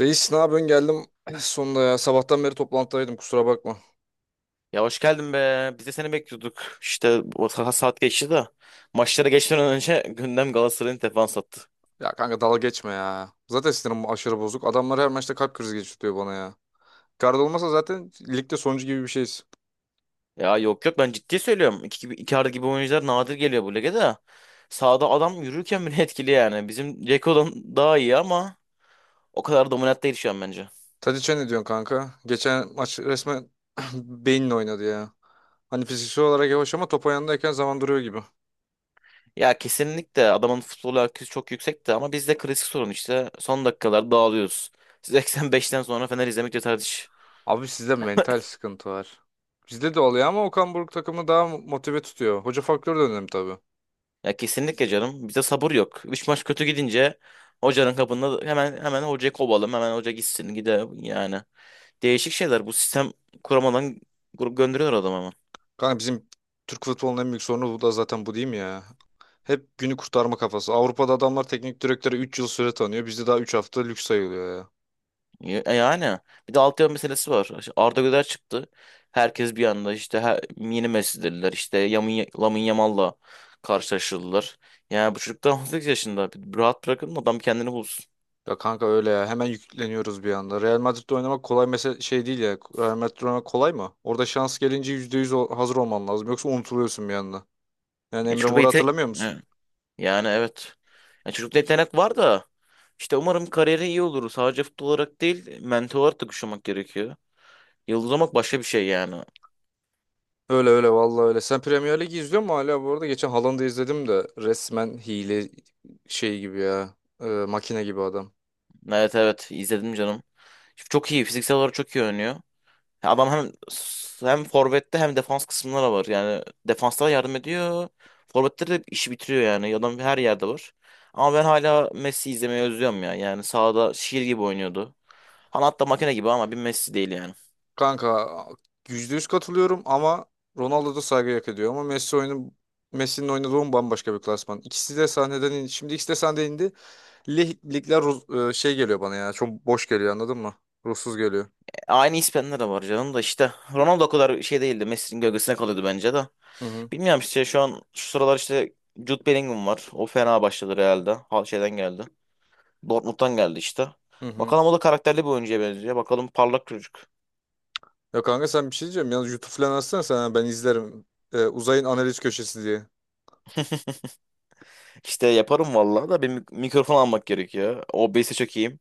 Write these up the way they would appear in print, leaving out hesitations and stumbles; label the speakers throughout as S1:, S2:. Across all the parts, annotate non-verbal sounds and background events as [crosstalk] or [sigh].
S1: Reis ne yapıyorsun geldim sonunda ya. Sabahtan beri toplantıdaydım kusura bakma.
S2: Ya hoş geldin be. Biz de seni bekliyorduk. İşte saat geçti de. Maçlara geçmeden önce [laughs] gündem Galatasaray'ın defans attı.
S1: Ya kanka dalga geçme ya. Zaten sinirim aşırı bozuk. Adamlar her maçta kalp krizi geçiriyor bana ya. Icardi olmasa zaten ligde sonuncu gibi bir şeyiz.
S2: Ya yok yok ben ciddi söylüyorum. İki arada gibi oyuncular nadir geliyor bu lige de. Sağda adam yürürken bile [laughs] etkili yani. Bizim Ceko'dan daha iyi ama o kadar dominant değil şu an bence.
S1: Tadiç'e ne diyorsun kanka? Geçen maç resmen [clears throat] beyinle oynadı ya. Hani fiziksel olarak yavaş ama top ayağındayken zaman duruyor gibi.
S2: Ya kesinlikle adamın futbol IQ'su çok yüksekti ama bizde klasik sorun işte. Son dakikalar dağılıyoruz. 85'ten [laughs] sonra Fener izlemek yeter.
S1: Abi sizde mental sıkıntı var. Bizde de oluyor ama Okan Buruk takımı daha motive tutuyor. Hoca faktörü de önemli tabii.
S2: Ya kesinlikle canım. Bize sabır yok. Üç maç kötü gidince hocanın kapında hemen hocayı kovalım. Hemen hoca gitsin gide yani. Değişik şeyler. Bu sistem kuramadan grup gönderiyorlar adamı hemen.
S1: Kanka bizim Türk futbolunun en büyük sorunu bu da zaten, bu değil mi ya? Hep günü kurtarma kafası. Avrupa'da adamlar teknik direktöre 3 yıl süre tanıyor. Bizde daha 3 hafta lüks sayılıyor ya.
S2: Yani bir de altyapı meselesi var. İşte Arda Güler çıktı. Herkes bir anda işte yeni Messi dediler. İşte Lamine Yamal'la karşılaştırdılar. Yani bu çocuk daha 18 yaşında. Bir rahat bırakın adam kendini bulsun.
S1: Ya kanka öyle ya. Hemen yükleniyoruz bir anda. Real Madrid'de oynamak kolay mesela şey değil ya. Real Madrid'de oynamak kolay mı? Orada şans gelince %100 o- hazır olman lazım. Yoksa unutuluyorsun bir anda. Yani
S2: Ya
S1: Emre
S2: çocuk
S1: Mor'u
S2: yetenek...
S1: hatırlamıyor musun?
S2: Yani evet. Ya çocukta yetenek var da işte umarım kariyeri iyi olur. Sadece futbol olarak değil, mental olarak da güçlenmek gerekiyor. Yıldız olmak başka bir şey yani.
S1: Öyle öyle, vallahi öyle. Sen Premier Ligi izliyor musun hala bu arada? Geçen Haaland'ı izledim de resmen hile şey gibi ya. Makine gibi adam.
S2: Evet evet izledim canım. Çok iyi fiziksel olarak çok iyi oynuyor. Ya adam hem forvette hem defans kısımlara var. Yani defanslara yardım ediyor. Forvetleri de işi bitiriyor yani. Adam her yerde var. Ama ben hala Messi izlemeyi özlüyorum ya. Yani sahada şiir gibi oynuyordu. Hani hatta makine gibi ama bir Messi değil yani.
S1: Kanka %100 katılıyorum ama Ronaldo da saygı hak ediyor ama Messi'nin oynadığı oyun bambaşka bir klasman. İkisi de sahneden indi. Şimdi ikisi de sahneden indi. Ligler şey geliyor bana ya. Çok boş geliyor, anladın mı? Ruhsuz geliyor.
S2: Aynı İspanyollar da var canım da işte. Ronaldo o kadar şey değildi. Messi'nin gölgesine kalıyordu bence de.
S1: Hı hı.
S2: Bilmiyorum işte şu an şu sıralar işte Jude Bellingham var. O fena başladı Real'de. Hal şeyden geldi. Dortmund'dan geldi işte.
S1: Hı hı.
S2: Bakalım o da karakterli bir oyuncuya benziyor. Bakalım parlak çocuk.
S1: Ya kanka, sen bir şey diyeceğim. Yalnız YouTube falan açsana sen. Ben izlerim. Uzayın analiz köşesi diye.
S2: İşte yaparım vallahi da bir mikrofon almak gerekiyor. OBS'e çok iyiyim.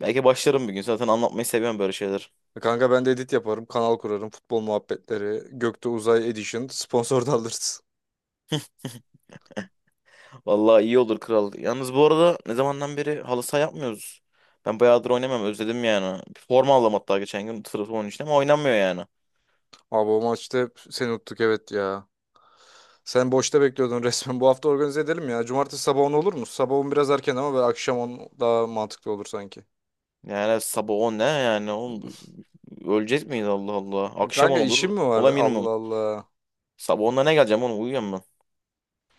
S2: Belki başlarım bir gün. Zaten anlatmayı seviyorum böyle şeyler.
S1: Kanka ben de edit yaparım. Kanal kurarım. Futbol muhabbetleri. Gökte Uzay Edition. [laughs] Sponsor da alırız.
S2: Vallahi iyi olur kral. Yalnız bu arada ne zamandan beri halı saha yapmıyoruz. Ben bayağıdır oynamam özledim yani. Forma aldım hatta geçen gün sırf onun için ama oynanmıyor yani.
S1: Abi o maçta hep seni unuttuk, evet ya. Sen boşta bekliyordun resmen. Bu hafta organize edelim ya. Cumartesi sabah 10 olur mu? sabah 10 biraz erken ama böyle akşam 10 daha mantıklı olur sanki.
S2: Yani evet, sabah 10 ne yani? Oğlum, öleceğiz miyiz Allah Allah? Akşam
S1: Kanka
S2: 10
S1: işim
S2: olur.
S1: mi var?
S2: Ola
S1: Allah
S2: minimum.
S1: Allah.
S2: Sabah 10'da ne geleceğim oğlum uyuyorum ben.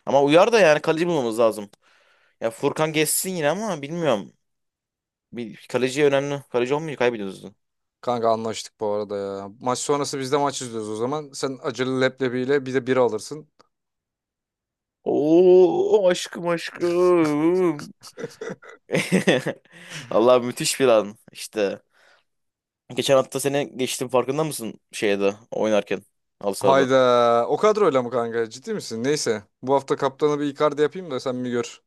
S2: Ama uyar da yani kaleci bulmamız lazım. Ya Furkan geçsin yine ama bilmiyorum. Bir kaleci önemli. Kaleci olmayınca kaybediyoruz.
S1: Kanka anlaştık bu arada ya. Maç sonrası biz de maç izliyoruz o zaman. Sen acılı leblebiyle bir de bira alırsın.
S2: Oo aşkım aşkım. [laughs] Allah müthiş bir an işte. Geçen hafta seni geçtim farkında mısın şeyde oynarken halı sahada?
S1: Hayda. O kadroyla mı kanka? Ciddi misin? Neyse. Bu hafta kaptanı bir Icardi yapayım da sen bir gör.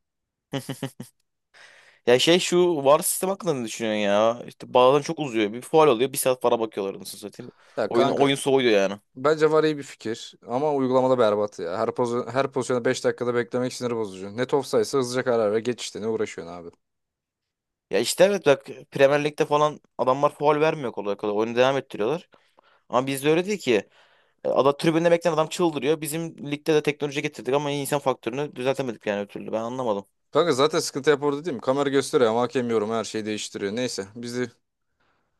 S2: Ya şey şu VAR sistem hakkında ne düşünüyorsun ya? İşte bazen çok uzuyor. Bir faul oluyor. Bir saat para bakıyorlar nasıl satayım.
S1: Ya
S2: Oyun,
S1: kanka,
S2: oyun soğuyor yani.
S1: bence VAR iyi bir fikir ama uygulamada berbat ya. Her pozisyonu 5 dakikada beklemek sinir bozucu. Net offside'sa hızlıca karar ver. Geç işte, ne uğraşıyorsun abi.
S2: Ya işte evet bak Premier Lig'de falan adamlar faul vermiyor kolay kolay. Oyunu devam ettiriyorlar. Ama bizde öyle değil ki. Ada tribünde bekleyen adam çıldırıyor. Bizim ligde de teknoloji getirdik ama insan faktörünü düzeltemedik yani ötürü ben anlamadım.
S1: Kanka zaten sıkıntı hep orada değil mi? Kamera gösteriyor ama hakem yorum her şeyi değiştiriyor. Neyse biz de,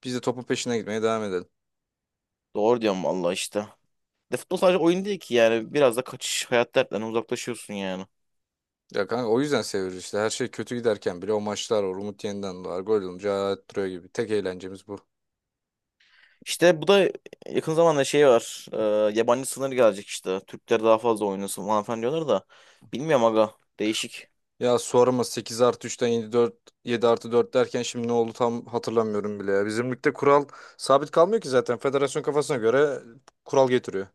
S1: biz de topun peşine gitmeye devam edelim.
S2: Doğru diyorum vallahi işte. De futbol sadece oyun değil ki yani. Biraz da kaçış hayat dertlerinden uzaklaşıyorsun yani.
S1: Ya kanka, o yüzden seviyoruz işte. Her şey kötü giderken bile o maçlar var. Umut yeniden doğar. Gol olunca hayat duruyor gibi. Tek eğlencemiz bu.
S2: İşte bu da yakın zamanda şey var. Yabancı sınır gelecek işte. Türkler daha fazla oynasın falan filan diyorlar da. Bilmiyorum aga. Değişik.
S1: Ya sorma, 8 artı üçten 7 dört, 7 artı 4 derken şimdi ne oldu tam hatırlamıyorum bile ya. Bizim ligde kural sabit kalmıyor ki zaten. Federasyon kafasına göre kural getiriyor.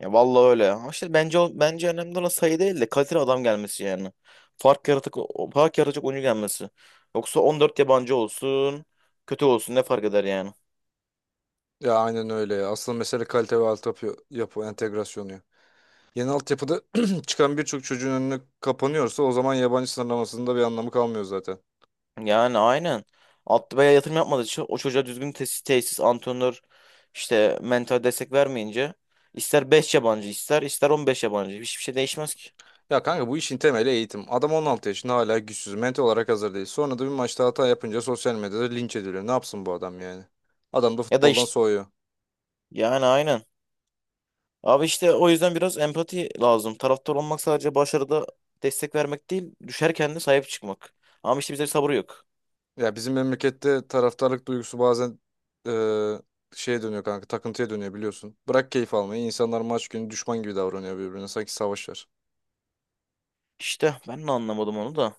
S2: Ya vallahi öyle. Ama işte bence bence önemli olan sayı değil de kaliteli adam gelmesi yani. Fark yaratık Fark yaratacak oyuncu gelmesi. Yoksa 14 yabancı olsun, kötü olsun ne fark eder yani?
S1: Ya aynen öyle ya. Asıl mesele kalite ve altyapı yapı entegrasyonu ya. Yeni altyapıda [clears throat] çıkan birçok çocuğun önüne kapanıyorsa o zaman yabancı sınırlamasının da bir anlamı kalmıyor zaten.
S2: Yani aynen. Altı beye yatırım yapmadığı için o çocuğa düzgün tesis, antrenör, işte mental destek vermeyince ister 5 yabancı ister 15 yabancı hiçbir şey değişmez ki.
S1: Ya kanka, bu işin temeli eğitim. Adam 16 yaşında hala güçsüz, mental olarak hazır değil. Sonra da bir maçta hata yapınca sosyal medyada linç ediliyor. Ne yapsın bu adam yani? Adam da
S2: Ya da
S1: futboldan
S2: işte
S1: soğuyor.
S2: yani aynen. Abi işte o yüzden biraz empati lazım. Taraftar olmak sadece başarıda destek vermek değil, düşerken de sahip çıkmak. Ama işte bizde bir sabır yok.
S1: Ya bizim memlekette taraftarlık duygusu bazen eee, şeye dönüyor kanka, takıntıya dönüyor biliyorsun. Bırak keyif almayı, insanlar maç günü düşman gibi davranıyor birbirine. Sanki savaş var.
S2: İşte ben de anlamadım onu da.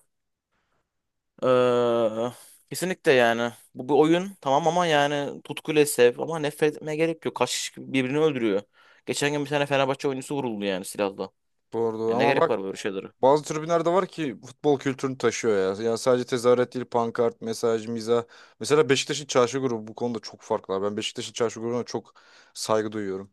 S2: Kesinlikle yani. Bu bir oyun tamam ama yani tutkuyla sev ama nefret etmeye gerek yok. Kaç kişi birbirini öldürüyor. Geçen gün bir tane Fenerbahçe oyuncusu vuruldu yani silahla.
S1: Doğru doğru,
S2: Ya ne
S1: ama
S2: gerek
S1: bak,
S2: var böyle şeylere?
S1: bazı tribünler de var ki futbol kültürünü taşıyor ya. Yani sadece tezahürat değil, pankart, mesaj, mizah. Mesela Beşiktaş'ın çarşı grubu bu konuda çok farklı. Ben Beşiktaş'ın çarşı grubuna çok saygı duyuyorum.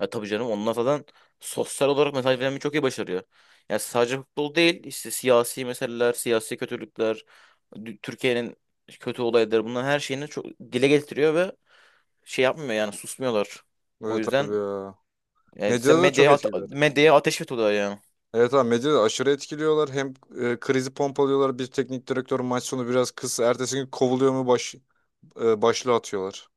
S2: Ya tabii canım onlar zaten sosyal olarak mesaj vermeyi çok iyi başarıyor. Yani sadece futbol değil işte siyasi meseleler, siyasi kötülükler, Türkiye'nin kötü olayları bunların her şeyini çok dile getiriyor ve şey yapmıyor yani susmuyorlar. O
S1: Evet abi
S2: yüzden
S1: ya.
S2: yani işte
S1: Medyada da çok
S2: medyaya,
S1: etkililer.
S2: medyaya ateş ediyorlar yani.
S1: Evet abi, medyada aşırı etkiliyorlar. Hem krizi pompalıyorlar. Bir teknik direktör maç sonu biraz kız ertesi gün kovuluyor mu başlığı atıyorlar.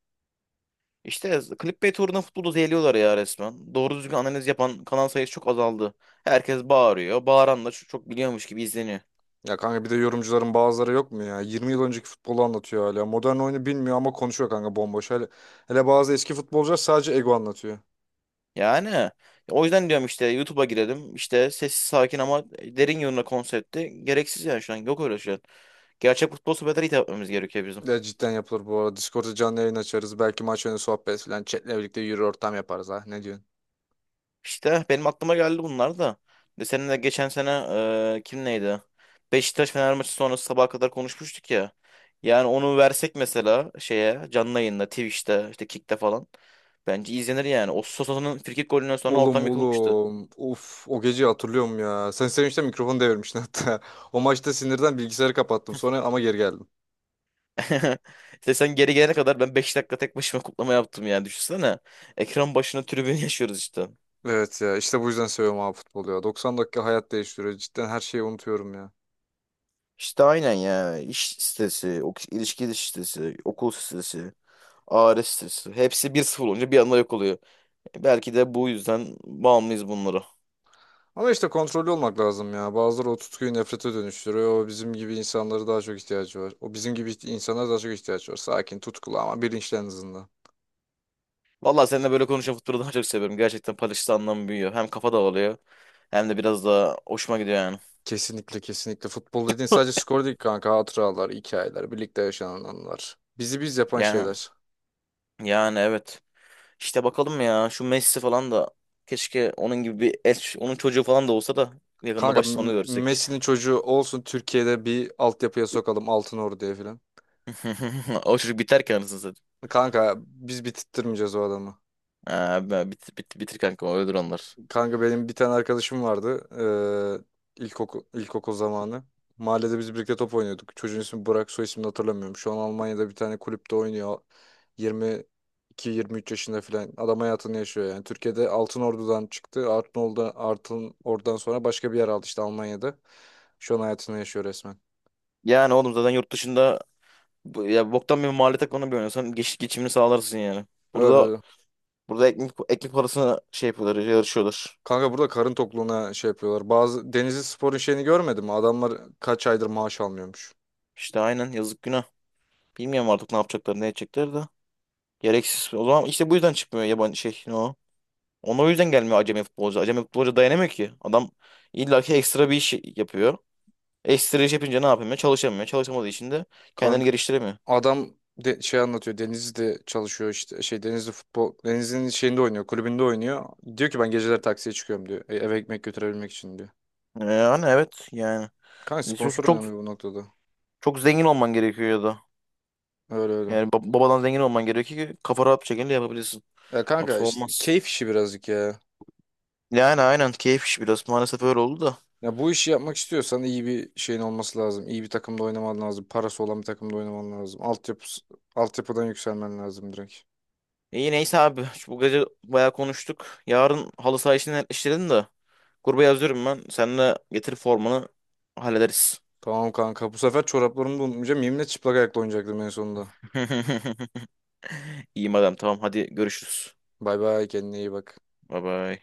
S2: İşte clickbait uğruna futbolu zehirliyorlar ya resmen. Doğru düzgün analiz yapan kanal sayısı çok azaldı. Herkes bağırıyor. Bağıran da çok çok biliyormuş gibi izleniyor.
S1: Ya kanka, bir de yorumcuların bazıları yok mu ya? 20 yıl önceki futbolu anlatıyor hala. Modern oyunu bilmiyor ama konuşuyor kanka bomboş. Hele bazı eski futbolcular sadece ego anlatıyor.
S2: Yani o yüzden diyorum işte YouTube'a girelim. İşte sessiz sakin ama derin yorumla konsepti. Gereksiz yani şu an. Yok öyle şu an. Gerçek futbol sohbetleri hitap etmemiz gerekiyor bizim.
S1: Ya cidden yapılır bu arada. Discord'da canlı yayın açarız. Belki maç önü sohbet falan. Chat'le birlikte yürü ortam yaparız ha. Ne diyorsun?
S2: İşte benim aklıma geldi bunlar da. De seninle de geçen sene kim neydi? Beşiktaş Fener maçı sonrası sabaha kadar konuşmuştuk ya. Yani onu versek mesela şeye canlı yayında Twitch'te işte Kick'te falan. Bence izlenir yani. O Sosa'nın frikik golünden sonra
S1: Oğlum,
S2: ortam yıkılmıştı.
S1: oğlum. Uf, o geceyi hatırlıyorum ya. Sen sevinçten mikrofonu devirmiştin hatta. [laughs] O maçta sinirden bilgisayarı kapattım sonra ama geri geldim.
S2: [laughs] İşte sen geri gelene kadar ben 5 dakika tek başıma kutlama yaptım yani düşünsene. Ekran başına tribün [laughs] yaşıyoruz işte.
S1: Evet ya, işte bu yüzden seviyorum abi futbolu ya. 90 dakika hayat değiştiriyor. Cidden her şeyi unutuyorum ya.
S2: İşte aynen ya. İş stresi, ok ilişki stresi, okul stresi, aile stresi. Hepsi 1-0 olunca bir anda yok oluyor. Belki de bu yüzden bağımlıyız bunlara.
S1: Ama işte kontrollü olmak lazım ya. Bazıları o tutkuyu nefrete dönüştürüyor. O bizim gibi insanlara daha çok ihtiyacı var. O bizim gibi insanlara daha çok ihtiyaç var. Sakin, tutkulu ama bilinçli en azından.
S2: Vallahi seninle böyle konuşan futbolu daha çok seviyorum. Gerçekten paylaştığı anlam büyüyor. Hem kafa dağılıyor hem de biraz daha hoşuma gidiyor yani.
S1: Kesinlikle kesinlikle. Futbol dediğin sadece skor değil kanka. Hatıralar, hikayeler, birlikte yaşanan anılar. Bizi biz yapan
S2: Yani,
S1: şeyler.
S2: yani evet. İşte bakalım ya şu Messi falan da keşke onun gibi bir eş, onun çocuğu falan da olsa da yakında
S1: Kanka
S2: başta onu görsek.
S1: Messi'nin çocuğu olsun, Türkiye'de bir altyapıya sokalım Altın Ordu'ya falan.
S2: [laughs] O çocuk biter ki anasını satayım.
S1: Kanka biz bitirtmeyeceğiz o adamı.
S2: Bitir kanka öldür onlar.
S1: Kanka benim bir tane arkadaşım vardı. İlkokul, ilkokul zamanı. Mahallede biz birlikte top oynuyorduk. Çocuğun ismi Burak, soy ismini hatırlamıyorum. Şu an Almanya'da bir tane kulüpte oynuyor. 22-23 yaşında falan. Adam hayatını yaşıyor yani. Türkiye'de Altınordu'dan çıktı. Altınordu'dan sonra başka bir yer aldı işte Almanya'da. Şu an hayatını yaşıyor resmen.
S2: Yani oğlum zaten yurt dışında ya boktan bir mahalle takımına bir oynasan geçimini sağlarsın yani. Burada
S1: Öyle.
S2: burada ekmek parasına şey yapıyorlar yarışıyorlar.
S1: Kanka burada karın tokluğuna şey yapıyorlar. Bazı Denizli Spor'un şeyini görmedim mi? Adamlar kaç aydır maaş almıyormuş.
S2: İşte aynen yazık günah. Bilmiyorum artık ne yapacaklar ne edecekler de. Gereksiz. O zaman işte bu yüzden çıkmıyor yabancı şey. Ne o? Ona o yüzden gelmiyor acemi futbolcu. Acemi futbolcu dayanamıyor ki. Adam illaki ekstra bir iş yapıyor. Ekstra iş yapınca ne yapamıyor? Çalışamıyor. Çalışamadığı için de kendini geliştiremiyor.
S1: Adam şey anlatıyor. Denizli'de çalışıyor işte. Şey, Denizli futbol. Denizli'nin şeyinde oynuyor. Kulübünde oynuyor. Diyor ki ben geceler taksiye çıkıyorum diyor. Eve ekmek götürebilmek için diyor.
S2: Yani evet yani.
S1: Kanka
S2: Çok,
S1: sponsor
S2: çok,
S1: önemli bu noktada.
S2: çok zengin olman gerekiyor ya da.
S1: Öyle öyle.
S2: Yani babadan zengin olman gerekiyor ki kafa rahat bir şekilde yapabilirsin.
S1: Ya kanka,
S2: Yoksa
S1: işte
S2: olmaz.
S1: keyif işi birazcık ya.
S2: Yani aynen keyif iş biraz. Maalesef öyle oldu da.
S1: Ya bu işi yapmak istiyorsan iyi bir şeyin olması lazım. İyi bir takımda oynaman lazım. Parası olan bir takımda oynaman lazım. Altyapıdan yükselmen lazım direkt.
S2: İyi neyse abi. Bu gece bayağı konuştuk. Yarın halı saha işini netleştirelim de. Gruba yazıyorum ben. Seninle getir formunu hallederiz.
S1: Tamam kanka. Bu sefer çoraplarımı da unutmayacağım. Yeminle çıplak ayakla oynayacaktım en sonunda.
S2: [laughs] İyi adam tamam hadi görüşürüz.
S1: Bay bay, kendine iyi bak.
S2: Bye bye.